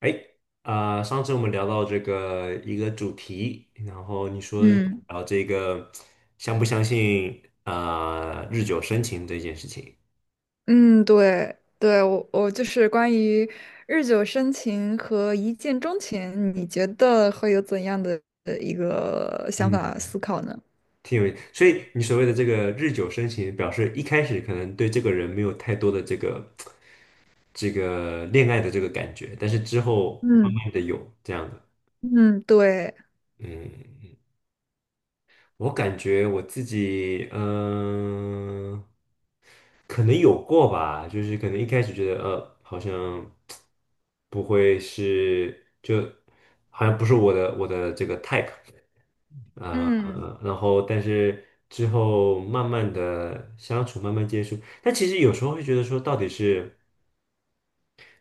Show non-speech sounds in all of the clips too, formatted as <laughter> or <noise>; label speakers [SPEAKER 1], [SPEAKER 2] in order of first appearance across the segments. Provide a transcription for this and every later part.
[SPEAKER 1] 哎，啊、上次我们聊到这个一个主题，然后你说
[SPEAKER 2] 嗯
[SPEAKER 1] 聊这个相不相信啊、日久生情这件事情。
[SPEAKER 2] 嗯，对对，我就是关于日久生情和一见钟情，你觉得会有怎样的一个想
[SPEAKER 1] 嗯，
[SPEAKER 2] 法思考呢？
[SPEAKER 1] 挺有。所以你所谓的这个日久生情，表示一开始可能对这个人没有太多的这个恋爱的这个感觉，但是之后慢
[SPEAKER 2] 嗯。
[SPEAKER 1] 慢的有这样的。
[SPEAKER 2] 嗯，对，
[SPEAKER 1] 嗯我感觉我自己，可能有过吧，就是可能一开始觉得，好像不会是，就好像不是我的这个 type。
[SPEAKER 2] 嗯。
[SPEAKER 1] 呃，然后但是之后慢慢的相处，慢慢接触，但其实有时候会觉得说，到底是。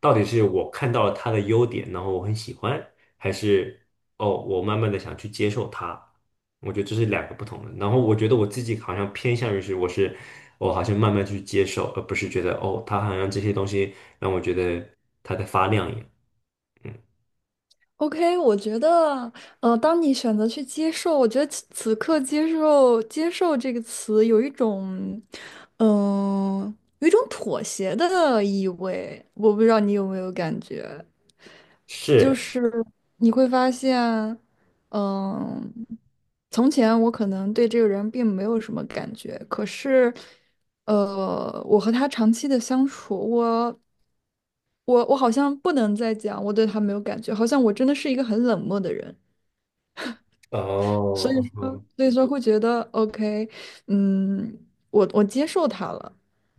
[SPEAKER 1] 到底是我看到了他的优点，然后我很喜欢，还是哦，我慢慢的想去接受他？我觉得这是两个不同的。然后我觉得我自己好像偏向于是，我是我好像慢慢去接受，而不是觉得哦，他好像这些东西让我觉得他在发亮一样。嗯，
[SPEAKER 2] OK,我觉得，当你选择去接受，我觉得此刻接受“接受”这个词有一种，有一种妥协的意味。我不知道你有没有感觉？就
[SPEAKER 1] 是
[SPEAKER 2] 是你会发现，嗯，从前我可能对这个人并没有什么感觉，可是，我和他长期的相处，我好像不能再讲我对他没有感觉，好像我真的是一个很冷漠的人。所
[SPEAKER 1] 哦，
[SPEAKER 2] 以说，
[SPEAKER 1] 嗯
[SPEAKER 2] 所以说会觉得 OK,嗯，我接受它了，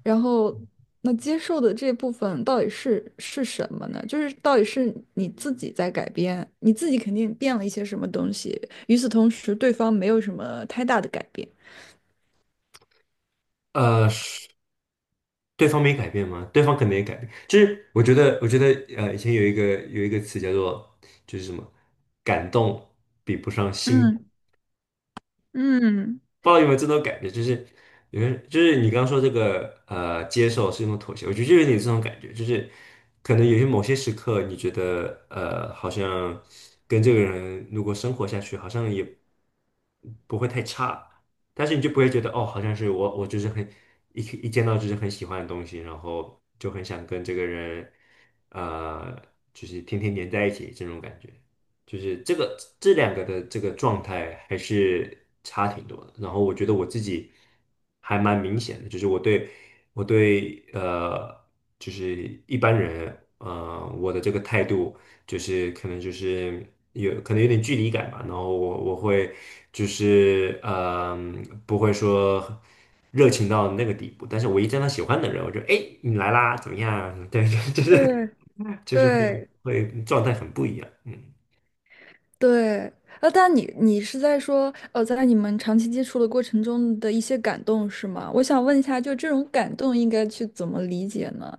[SPEAKER 2] 然后那接受的这部分到底是什么呢？就是到底是你自己在改变，你自己肯定变了一些什么东西，与此同时，对方没有什么太大的改变。
[SPEAKER 1] 呃，是对方没改变吗？对方可能也改变。就是我觉得，呃，以前有一个词叫做就是什么感动比不上心。
[SPEAKER 2] 嗯嗯，
[SPEAKER 1] 不知道有没有这种感觉，就是有没有就是你刚刚说这个接受是一种妥协，我觉得就有点这种感觉，就是可能有些某些时刻，你觉得好像跟这个人如果生活下去，好像也不会太差，但是你就不会觉得哦，好像是我就是很一见到就是很喜欢的东西，然后就很想跟这个人呃，就是天天黏在一起这种感觉。就是这个这两个的这个状态还是差挺多的。然后我觉得我自己还蛮明显的，就是我对就是一般人我的这个态度就是可能就是有可能有点距离感吧。然后我会就是不会说。热情到那个地步，但是我一见到喜欢的人，我就哎，诶你来啦，怎么样啊？对，<laughs> 就是
[SPEAKER 2] 对
[SPEAKER 1] 就是会
[SPEAKER 2] 对，
[SPEAKER 1] 会状态很不一样，嗯。
[SPEAKER 2] 对，但你是在说，呃，在你们长期接触的过程中的一些感动是吗？我想问一下，就这种感动应该去怎么理解呢？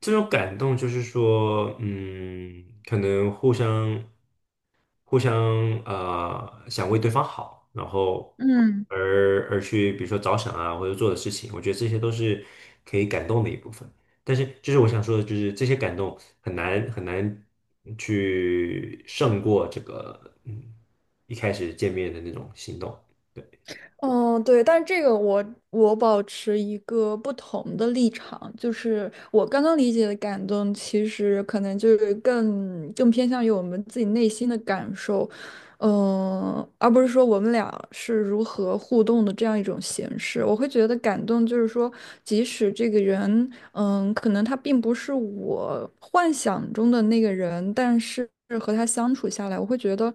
[SPEAKER 1] 这种感动就是说，嗯，可能互相想为对方好，然后
[SPEAKER 2] 嗯
[SPEAKER 1] 而去比如说着想啊，或者做的事情，我觉得这些都是可以感动的一部分。但是就是我想说的，就是这些感动很难很难去胜过这个一开始见面的那种心动。对，
[SPEAKER 2] 嗯，对，但是这个我保持一个不同的立场，就是我刚刚理解的感动，其实可能就是更偏向于我们自己内心的感受，嗯，而不是说我们俩是如何互动的这样一种形式。我会觉得感动就是说，即使这个人，嗯，可能他并不是我幻想中的那个人，但是和他相处下来，我会觉得。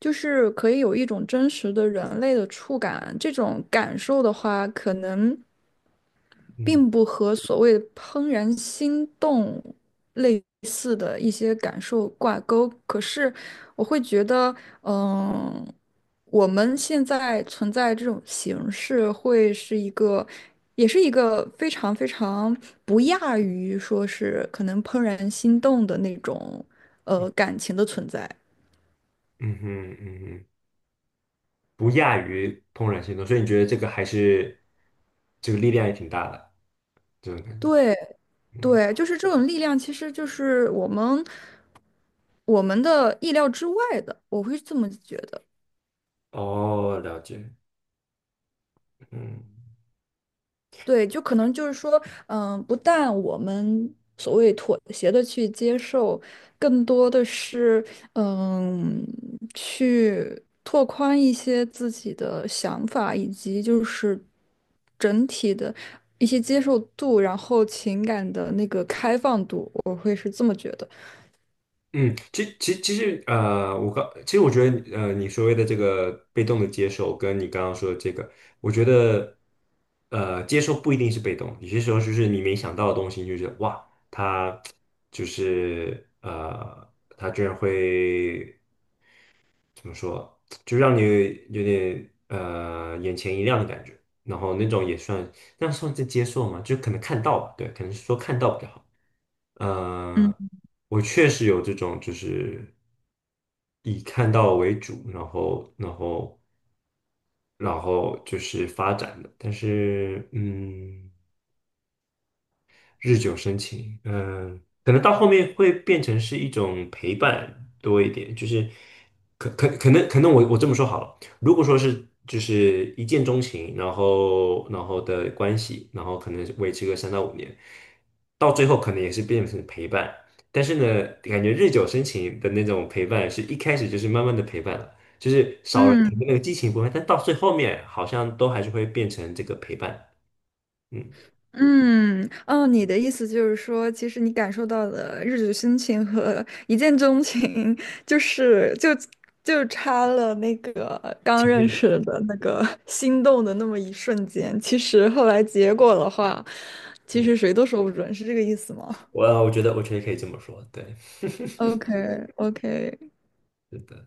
[SPEAKER 2] 就是可以有一种真实的人类的触感，这种感受的话，可能
[SPEAKER 1] 嗯
[SPEAKER 2] 并不和所谓的怦然心动类似的一些感受挂钩。可是我会觉得，嗯，我们现在存在这种形式，会是一个，也是一个非常非常不亚于说是可能怦然心动的那种，感情的存在。
[SPEAKER 1] 嗯哼嗯哼。不亚于怦然心动，所以你觉得这个还是这个力量也挺大的这种感觉。
[SPEAKER 2] 对，对，就是这种力量，其实就是我们的意料之外的，我会这么觉得。
[SPEAKER 1] 哦，了解，嗯
[SPEAKER 2] 对，就可能就是说，嗯，不但我们所谓妥协的去接受，更多的是，嗯，去拓宽一些自己的想法，以及就是整体的一些接受度，然后情感的那个开放度，我会是这么觉得。
[SPEAKER 1] 嗯，其实我刚其实我觉得你所谓的这个被动的接受，跟你刚刚说的这个，我觉得接受不一定是被动，有些时候就是你没想到的东西，你就是哇，他就是他居然会。怎么说，就让你有点眼前一亮的感觉，然后那种也算，那算是接受嘛，就可能看到吧，对，可能是说看到比较好。呃，
[SPEAKER 2] 嗯
[SPEAKER 1] 我确实有这种，就是以看到为主，然后就是发展的，但是嗯。日久生情，嗯，可能到后面会变成是一种陪伴多一点，就是可能我这么说好了，如果说是就是一见钟情，然后的关系，然后可能维持个3到5年，到最后可能也是变成陪伴，但是呢，感觉日久生情的那种陪伴是一开始就是慢慢的陪伴了，就是少了前
[SPEAKER 2] 嗯。
[SPEAKER 1] 面那个激情部分，但到最后面好像都还是会变成这个陪伴。嗯，
[SPEAKER 2] 嗯，哦，你的意思就是说，其实你感受到的日久生情和一见钟情，就是就就差了那个刚
[SPEAKER 1] 前
[SPEAKER 2] 认
[SPEAKER 1] 面。
[SPEAKER 2] 识的那个心动的那么一瞬间。其实后来结果的话，其
[SPEAKER 1] 嗯。
[SPEAKER 2] 实谁都说不准，是这个意思吗
[SPEAKER 1] 我觉得可以这么说，对，<laughs>
[SPEAKER 2] ？OK，OK，
[SPEAKER 1] 是的。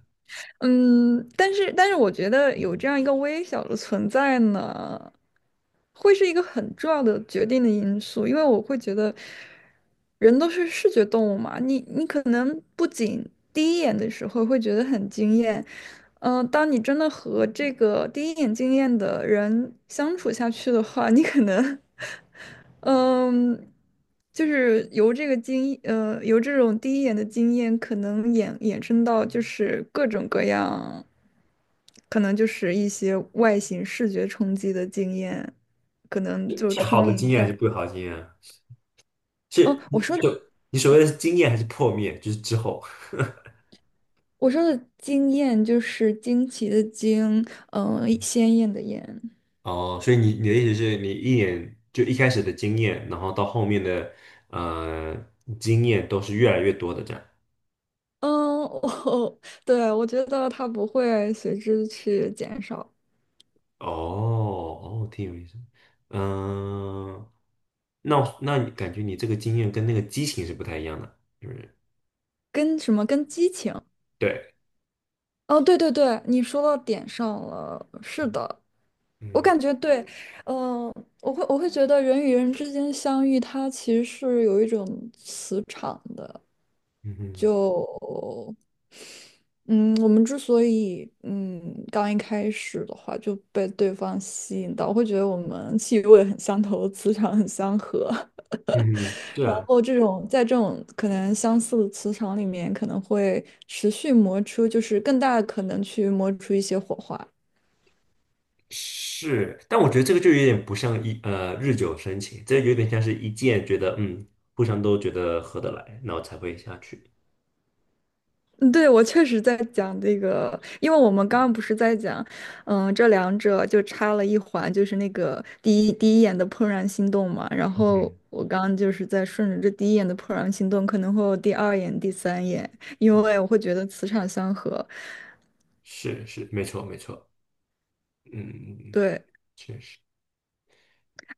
[SPEAKER 2] 嗯，但是我觉得有这样一个微小的存在呢，会是一个很重要的决定的因素，因为我会觉得人都是视觉动物嘛，你可能不仅第一眼的时候会觉得很惊艳，当你真的和这个第一眼惊艳的人相处下去的话，你可能 <laughs> 嗯，就是由这个经，由这种第一眼的经验，可能衍生到就是各种各样，可能就是一些外形视觉冲击的经验，可能就
[SPEAKER 1] 是好
[SPEAKER 2] 充
[SPEAKER 1] 的经
[SPEAKER 2] 盈
[SPEAKER 1] 验还
[SPEAKER 2] 在。
[SPEAKER 1] 是不好的经验啊？
[SPEAKER 2] 哦，
[SPEAKER 1] 是你就你所谓的是经验还是破灭，就是之后
[SPEAKER 2] 我说的惊艳就是惊奇的惊，鲜艳的艳。
[SPEAKER 1] 哦，所以你的意思是你一眼就一开始的经验，然后到后面的呃经验都是越来越多的这样。
[SPEAKER 2] 嗯，我 <laughs> 对我觉得它不会随之去减少，
[SPEAKER 1] 哦哦，挺有意思。嗯、那你感觉你这个经验跟那个激情是不太一样的，是不是？
[SPEAKER 2] 跟什么跟激情。
[SPEAKER 1] 对，
[SPEAKER 2] 哦，对对对，你说到点上了。是
[SPEAKER 1] 嗯
[SPEAKER 2] 的，我
[SPEAKER 1] 嗯
[SPEAKER 2] 感觉对，嗯、我会觉得人与人之间相遇，它其实是有一种磁场的。
[SPEAKER 1] 嗯
[SPEAKER 2] 就嗯，我们之所以刚一开始的话就被对方吸引到，我会觉得我们气味很相投，磁场很相合。
[SPEAKER 1] 嗯，
[SPEAKER 2] <laughs>
[SPEAKER 1] 是
[SPEAKER 2] 然
[SPEAKER 1] 啊。
[SPEAKER 2] 后这种在这种可能相似的磁场里面，可能会持续磨出，就是更大的可能去磨出一些火花。
[SPEAKER 1] 是，但我觉得这个就有点不像日久生情，这有点像是一见觉得互相都觉得合得来，然后才会下去。
[SPEAKER 2] 嗯，对，我确实在讲这个，因为我们刚刚不是在讲，嗯，这两者就差了一环，就是那个第一眼的怦然心动嘛。然后
[SPEAKER 1] 嗯，
[SPEAKER 2] 我刚刚就是在顺着这第一眼的怦然心动，可能会有第二眼、第三眼，因为我会觉得磁场相合。
[SPEAKER 1] 是是，没错没错，嗯，
[SPEAKER 2] 对，
[SPEAKER 1] 确实。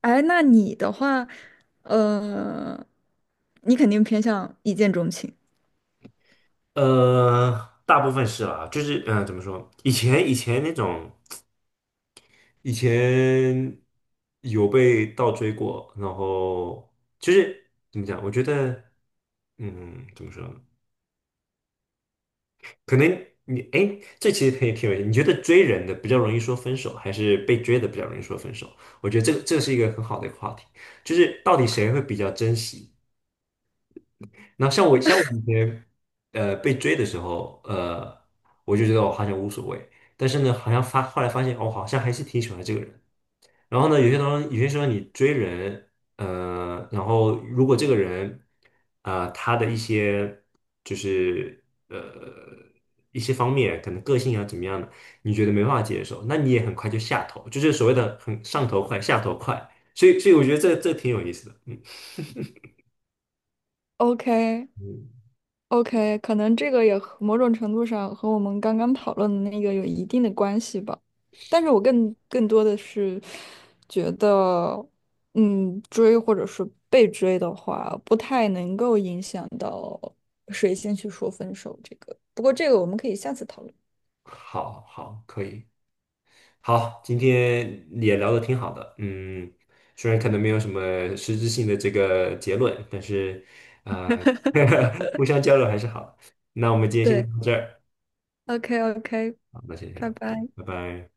[SPEAKER 2] 哎，那你的话，呃，你肯定偏向一见钟情。
[SPEAKER 1] 大部分是啦，就是怎么说？以前那种，以前有被倒追过，然后就是怎么讲？我觉得，嗯，怎么说？可能你哎，诶这其实可以挺有意思。你觉得追人的比较容易说分手，还是被追的比较容易说分手？我觉得这是一个很好的一个话题，就是到底谁会比较珍惜？那像我以前被追的时候，我就觉得我好像无所谓，但是呢，好像后来发现，我、好像还是挺喜欢这个人。然后呢，有些当中有些时候你追人，然后如果这个人，他的一些就是呃一些方面，可能个性啊怎么样的，你觉得没办法接受，那你也很快就下头，就是所谓的很上头快，下头快。所以我觉得这挺有意思的，嗯
[SPEAKER 2] OK，
[SPEAKER 1] 嗯，
[SPEAKER 2] OK，可能这个也和某种程度上和我们刚刚讨论的那个有一定的关系吧，但是我更多的是觉得，嗯，追或者是被追的话，不太能够影响到谁先去说分手这个。不过这个我们可以下次讨论。
[SPEAKER 1] 好好可以。好，今天也聊得挺好的，嗯，虽然可能没有什么实质性的这个结论，但是啊，<laughs> 互相交流还是好的。那我们今天先
[SPEAKER 2] 对
[SPEAKER 1] 到这儿，
[SPEAKER 2] ，OK OK,
[SPEAKER 1] 好，那先这
[SPEAKER 2] 拜
[SPEAKER 1] 样，嗯，
[SPEAKER 2] 拜。
[SPEAKER 1] 拜拜。